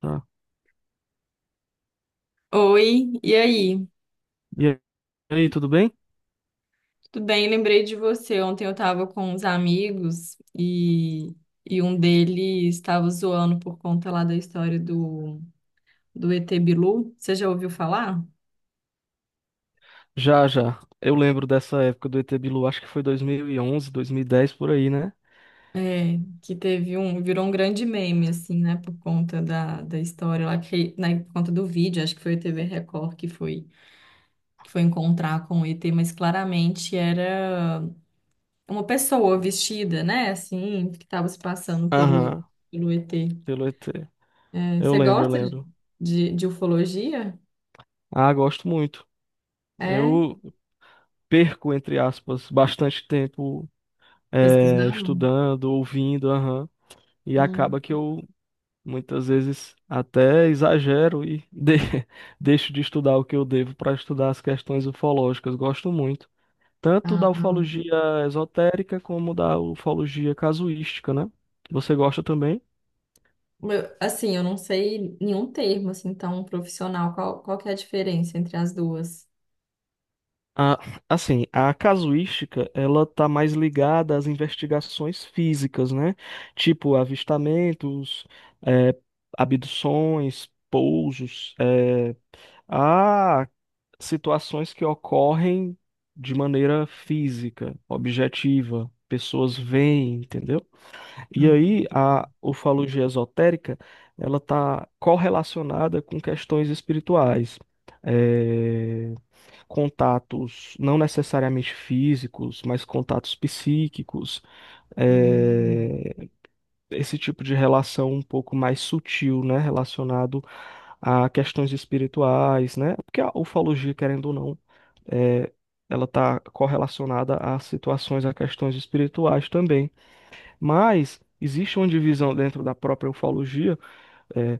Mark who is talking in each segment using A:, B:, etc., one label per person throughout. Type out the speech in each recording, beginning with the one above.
A: Tá.
B: Oi, e aí?
A: E aí, tudo bem?
B: Tudo bem? Lembrei de você. Ontem eu tava com uns amigos e um deles estava zoando por conta lá da história do ET Bilu. Você já ouviu falar?
A: Já, já. Eu lembro dessa época do ET Bilu, acho que foi dois mil e onze, 2010 por aí, né?
B: É, que teve um, virou um grande meme, assim, né? Por conta da história lá, que, né, por conta do vídeo, acho que foi o TV Record que foi encontrar com o ET, mas claramente era uma pessoa vestida, né? Assim, que estava se passando pelo,
A: Aham,
B: pelo ET.
A: pelo ET.
B: É,
A: Eu
B: você
A: lembro, eu
B: gosta de,
A: lembro.
B: de, de ufologia?
A: Ah, gosto muito.
B: É?
A: Eu perco, entre aspas, bastante tempo
B: Pesquisando?
A: estudando, ouvindo, aham. E
B: Hum.
A: acaba que eu, muitas vezes, até exagero e deixo de estudar o que eu devo para estudar as questões ufológicas. Gosto muito. Tanto da
B: Ah,
A: ufologia esotérica como da ufologia casuística, né? Você gosta também?
B: assim, eu não sei nenhum termo assim tão profissional. Qual que é a diferença entre as duas?
A: A, assim, a casuística, ela tá mais ligada às investigações físicas, né? Tipo avistamentos, eh, abduções, pousos, eh, a situações que ocorrem de maneira física, objetiva. Pessoas veem, entendeu? E aí, a ufologia esotérica, ela está correlacionada com questões espirituais, eh, contatos não necessariamente físicos, mas contatos psíquicos,
B: Hum,
A: eh, esse tipo de relação um pouco mais sutil, né, relacionado a questões espirituais, né? Porque a ufologia, querendo ou não, eh, ela está correlacionada a situações, a questões espirituais também. Mas existe uma divisão dentro da própria ufologia é,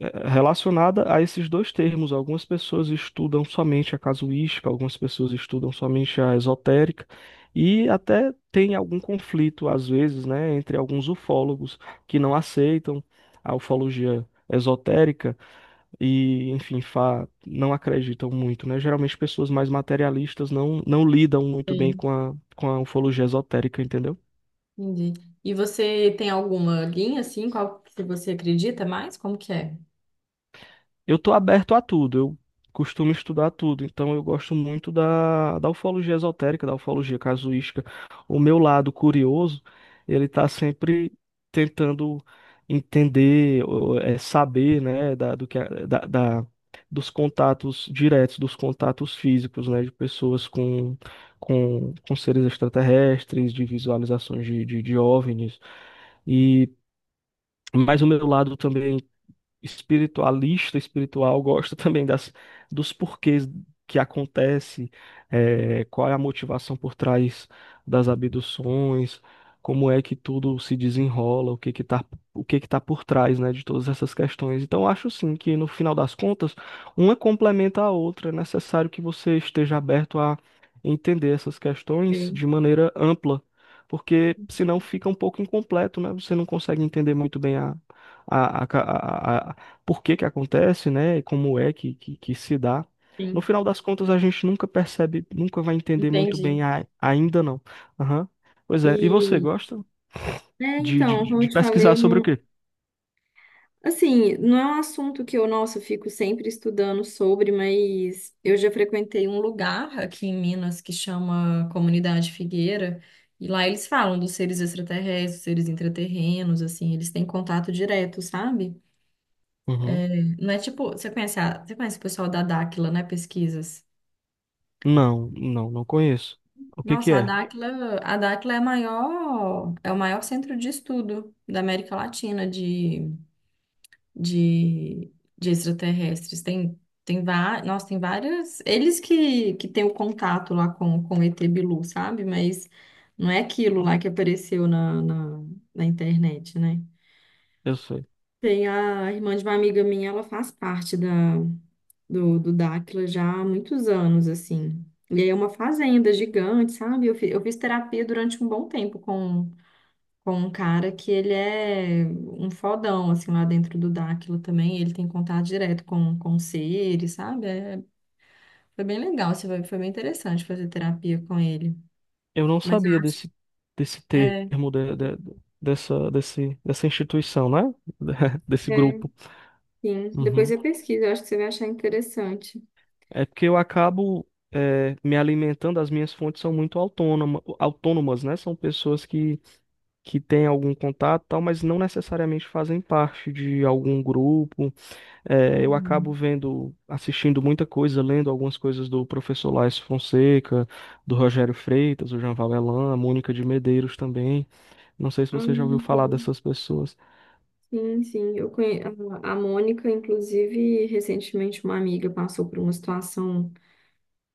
A: relacionada a esses dois termos. Algumas pessoas estudam somente a casuística, algumas pessoas estudam somente a esotérica, e até tem algum conflito, às vezes, né, entre alguns ufólogos que não aceitam a ufologia esotérica e, enfim, não acreditam muito, né? Geralmente pessoas mais materialistas não, não lidam muito bem
B: sei,
A: com a ufologia esotérica, entendeu?
B: entendi. E você tem alguma linha assim, qual que você acredita mais? Como que é?
A: Eu tô aberto a tudo, eu costumo estudar tudo, então eu gosto muito da ufologia esotérica, da ufologia casuística. O meu lado curioso, ele tá sempre tentando entender, ou, saber, né, da, do que, a- da, da- dos contatos diretos, dos contatos físicos, né, de pessoas com seres extraterrestres, de visualizações de OVNIs. E, mas o meu lado também espiritual, gosta também dos porquês que acontece, qual é a motivação por trás das abduções, como é que tudo se desenrola, o que que tá por trás, né, de todas essas questões. Então, eu acho sim que no final das contas, uma complementa a outra, é necessário que você esteja aberto a entender essas questões
B: Sim,
A: de maneira ampla. Porque senão fica um pouco incompleto, né? Você não consegue entender muito bem a, a, a, por que que acontece, né? E como é que se dá. No
B: sim,
A: final das contas, a gente nunca percebe, nunca vai entender muito
B: entendi.
A: bem ainda não. Aham. Pois é. E você
B: E
A: gosta de, de,
B: então, como eu
A: de
B: te falei,
A: pesquisar
B: eu
A: sobre o
B: não,
A: quê?
B: assim, não é um assunto que eu, nossa, eu fico sempre estudando sobre, mas eu já frequentei um lugar aqui em Minas que chama Comunidade Figueira, e lá eles falam dos seres extraterrestres, dos seres intraterrenos, assim, eles têm contato direto, sabe?
A: Uhum.
B: Não é tipo, você conhece o pessoal da Dáquila, né, pesquisas?
A: Não, não, não conheço. O que que
B: Nossa, a
A: é?
B: Dáquila, a Dáquila é a maior, é o maior centro de estudo da América Latina de, de extraterrestres. Nossa, tem várias. Eles que têm o contato lá com o ET Bilu, sabe? Mas não é aquilo lá que apareceu na internet, né?
A: Eu sei.
B: Tem a irmã de uma amiga minha, ela faz parte do Dáquila já há muitos anos, assim. E aí é uma fazenda gigante, sabe? Eu fiz terapia durante um bom tempo com um cara que ele é um fodão, assim, lá dentro do Dáquilo também. Ele tem contato direto com seres, sabe? É, foi bem legal, assim, foi bem interessante fazer terapia com ele.
A: Eu não
B: Mas eu
A: sabia
B: acho.
A: desse
B: É,
A: termo, dessa instituição, né? Desse
B: é,
A: grupo.
B: sim. Depois
A: Uhum.
B: eu pesquiso, eu acho que você vai achar interessante.
A: É porque eu acabo me alimentando, as minhas fontes são muito autônomas, né? São pessoas que têm algum contato, e tal, mas não necessariamente fazem parte de algum grupo. Eu acabo
B: Uhum.
A: vendo, assistindo muita coisa, lendo algumas coisas do professor Laércio Fonseca, do Rogério Freitas, do Jean Valelan, a Mônica de Medeiros também. Não sei se
B: Ah,
A: você já ouviu falar
B: sim,
A: dessas pessoas.
B: sim. Eu conhe... A a Mônica, inclusive, recentemente uma amiga passou por uma situação.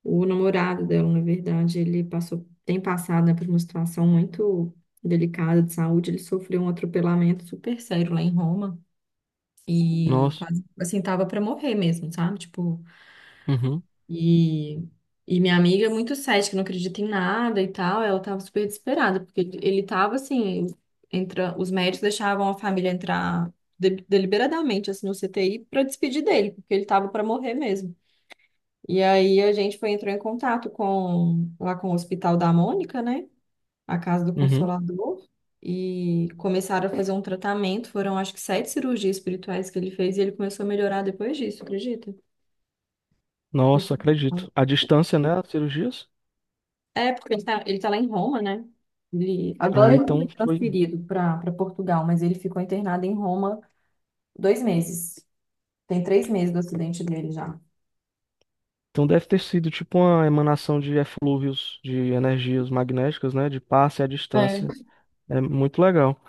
B: O namorado dela, na verdade, tem passado, né, por uma situação muito delicada de saúde. Ele sofreu um atropelamento super sério lá em Roma e
A: Nossa.
B: quase, assim, tava para morrer mesmo, sabe? Tipo,
A: Uhum,
B: e, e minha amiga, é muito cética, não acredita em nada e tal, ela tava super desesperada, porque ele tava, assim, entra, os médicos deixavam a família deliberadamente, assim, no CTI para despedir dele, porque ele tava para morrer mesmo. E aí entrou em contato com lá com o Hospital da Mônica, né? A Casa do
A: uhum.
B: Consolador. E começaram a fazer um tratamento. Foram acho que 7 cirurgias espirituais que ele fez e ele começou a melhorar depois disso, acredita? Foi
A: Nossa,
B: super bom.
A: acredito. A distância, né? As cirurgias?
B: É, porque ele tá lá em Roma, né? Ele, agora
A: Ah,
B: ele
A: então
B: foi
A: foi.
B: transferido para Portugal, mas ele ficou internado em Roma 2 meses. Tem 3 meses do acidente dele já.
A: Então deve ter sido tipo uma emanação de eflúvios, de energias magnéticas, né? De passe à distância.
B: É.
A: É muito legal.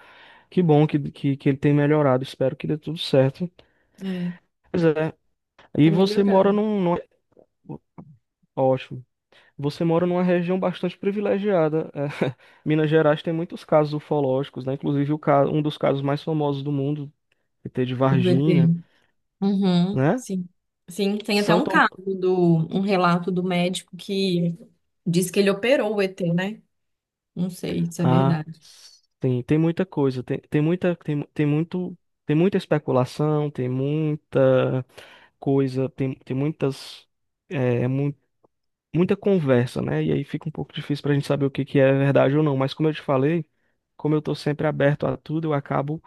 A: Que bom que ele tem melhorado. Espero que dê tudo certo.
B: É,
A: Pois é. E
B: tá
A: você mora
B: melhorando.
A: Ótimo. Você mora numa região bastante privilegiada. É, Minas Gerais tem muitos casos ufológicos, né? Inclusive um dos casos mais famosos do mundo, que tem de
B: O
A: Varginha,
B: ET. Uhum,
A: né?
B: sim. Sim, tem até
A: São
B: um
A: Tom...
B: caso do um relato do médico que diz que ele operou o ET, né? Não sei se é
A: Ah,
B: verdade.
A: sim, tem muita coisa, tem muita especulação, tem muita coisa, tem, tem muitas, é, mu- muita conversa, né? E aí fica um pouco difícil pra gente saber o que que é verdade ou não, mas como eu te falei, como eu tô sempre aberto a tudo, eu acabo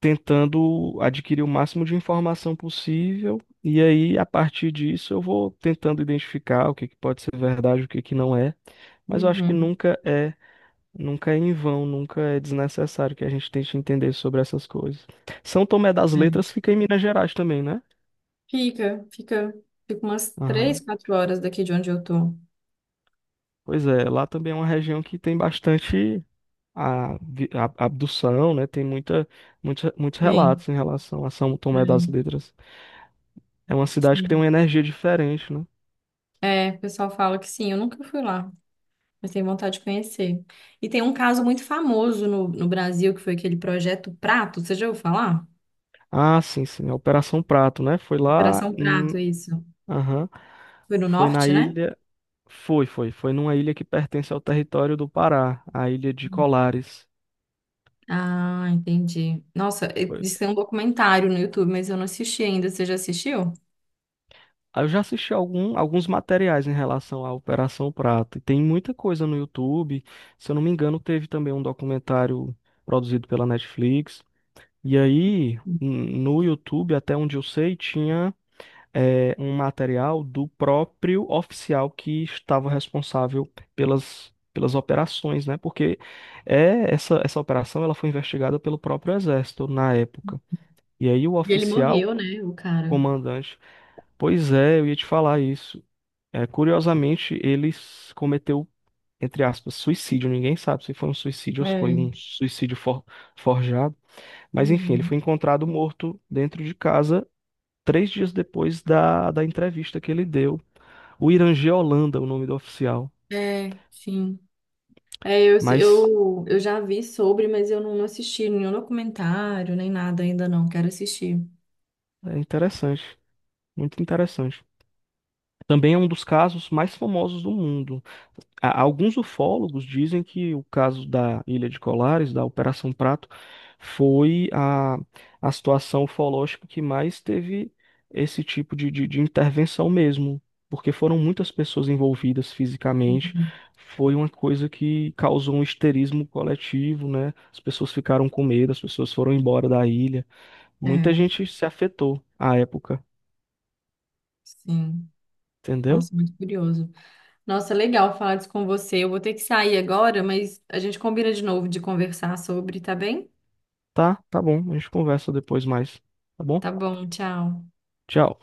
A: tentando adquirir o máximo de informação possível, e aí a partir disso eu vou tentando identificar o que que pode ser verdade, o que que não é, mas eu acho que
B: Uhum,
A: nunca é em vão, nunca é desnecessário que a gente tente entender sobre essas coisas. São Tomé das
B: é.
A: Letras fica em Minas Gerais também, né?
B: Fica, fica, fica umas três,
A: Aham.
B: quatro horas daqui de onde eu tô.
A: Pois é, lá também é uma região que tem bastante abdução, né? Tem muitos
B: Tem.
A: relatos em relação a São Tomé das
B: É,
A: Letras. É uma cidade que tem
B: sim.
A: uma energia diferente, né?
B: É, o pessoal fala que sim, eu nunca fui lá, mas tenho vontade de conhecer. E tem um caso muito famoso no Brasil, que foi aquele projeto Prato, você já ouviu falar?
A: Ah, sim, sim, a Operação Prato, né? Foi lá,
B: Operação Prato, isso.
A: aham,
B: Foi no
A: foi na
B: norte, né?
A: ilha, foi numa ilha que pertence ao território do Pará, a ilha de Colares.
B: Ah, entendi. Diz que tem um documentário no YouTube, mas eu não assisti ainda. Você já assistiu?
A: Aí eu já assisti alguns materiais em relação à Operação Prato. E tem muita coisa no YouTube. Se eu não me engano, teve também um documentário produzido pela Netflix. E aí, no YouTube, até onde eu sei, tinha um material do próprio oficial que estava responsável pelas operações, né? Porque essa operação, ela foi investigada pelo próprio Exército na época. E aí, o
B: E ele
A: oficial
B: morreu, né, o cara?
A: comandante. Pois é, eu ia te falar isso. É, curiosamente, ele cometeu, entre aspas, suicídio. Ninguém sabe se foi um suicídio ou se foi
B: É.
A: um suicídio forjado. Mas enfim, ele foi
B: Uhum.
A: encontrado morto dentro de casa 3 dias depois da entrevista que ele deu. O Irangê Holanda, o nome do oficial.
B: É, sim. É, eu,
A: Mas
B: eu, eu já vi sobre, mas eu não assisti nenhum documentário, nem nada ainda não. Quero assistir.
A: é interessante, muito interessante. Também é um dos casos mais famosos do mundo. Alguns ufólogos dizem que o caso da Ilha de Colares, da Operação Prato, foi a situação ufológica que mais teve esse tipo de intervenção mesmo, porque foram muitas pessoas envolvidas fisicamente. Foi uma coisa que causou um histerismo coletivo, né? As pessoas ficaram com medo, as pessoas foram embora da ilha. Muita
B: É,
A: gente se afetou à época,
B: sim.
A: entendeu?
B: Nossa, muito curioso. Nossa, legal falar disso com você. Eu vou ter que sair agora, mas a gente combina de novo de conversar sobre, tá bem?
A: Tá, tá bom, a gente conversa depois mais, tá bom?
B: Tá bom, tchau.
A: Tchau.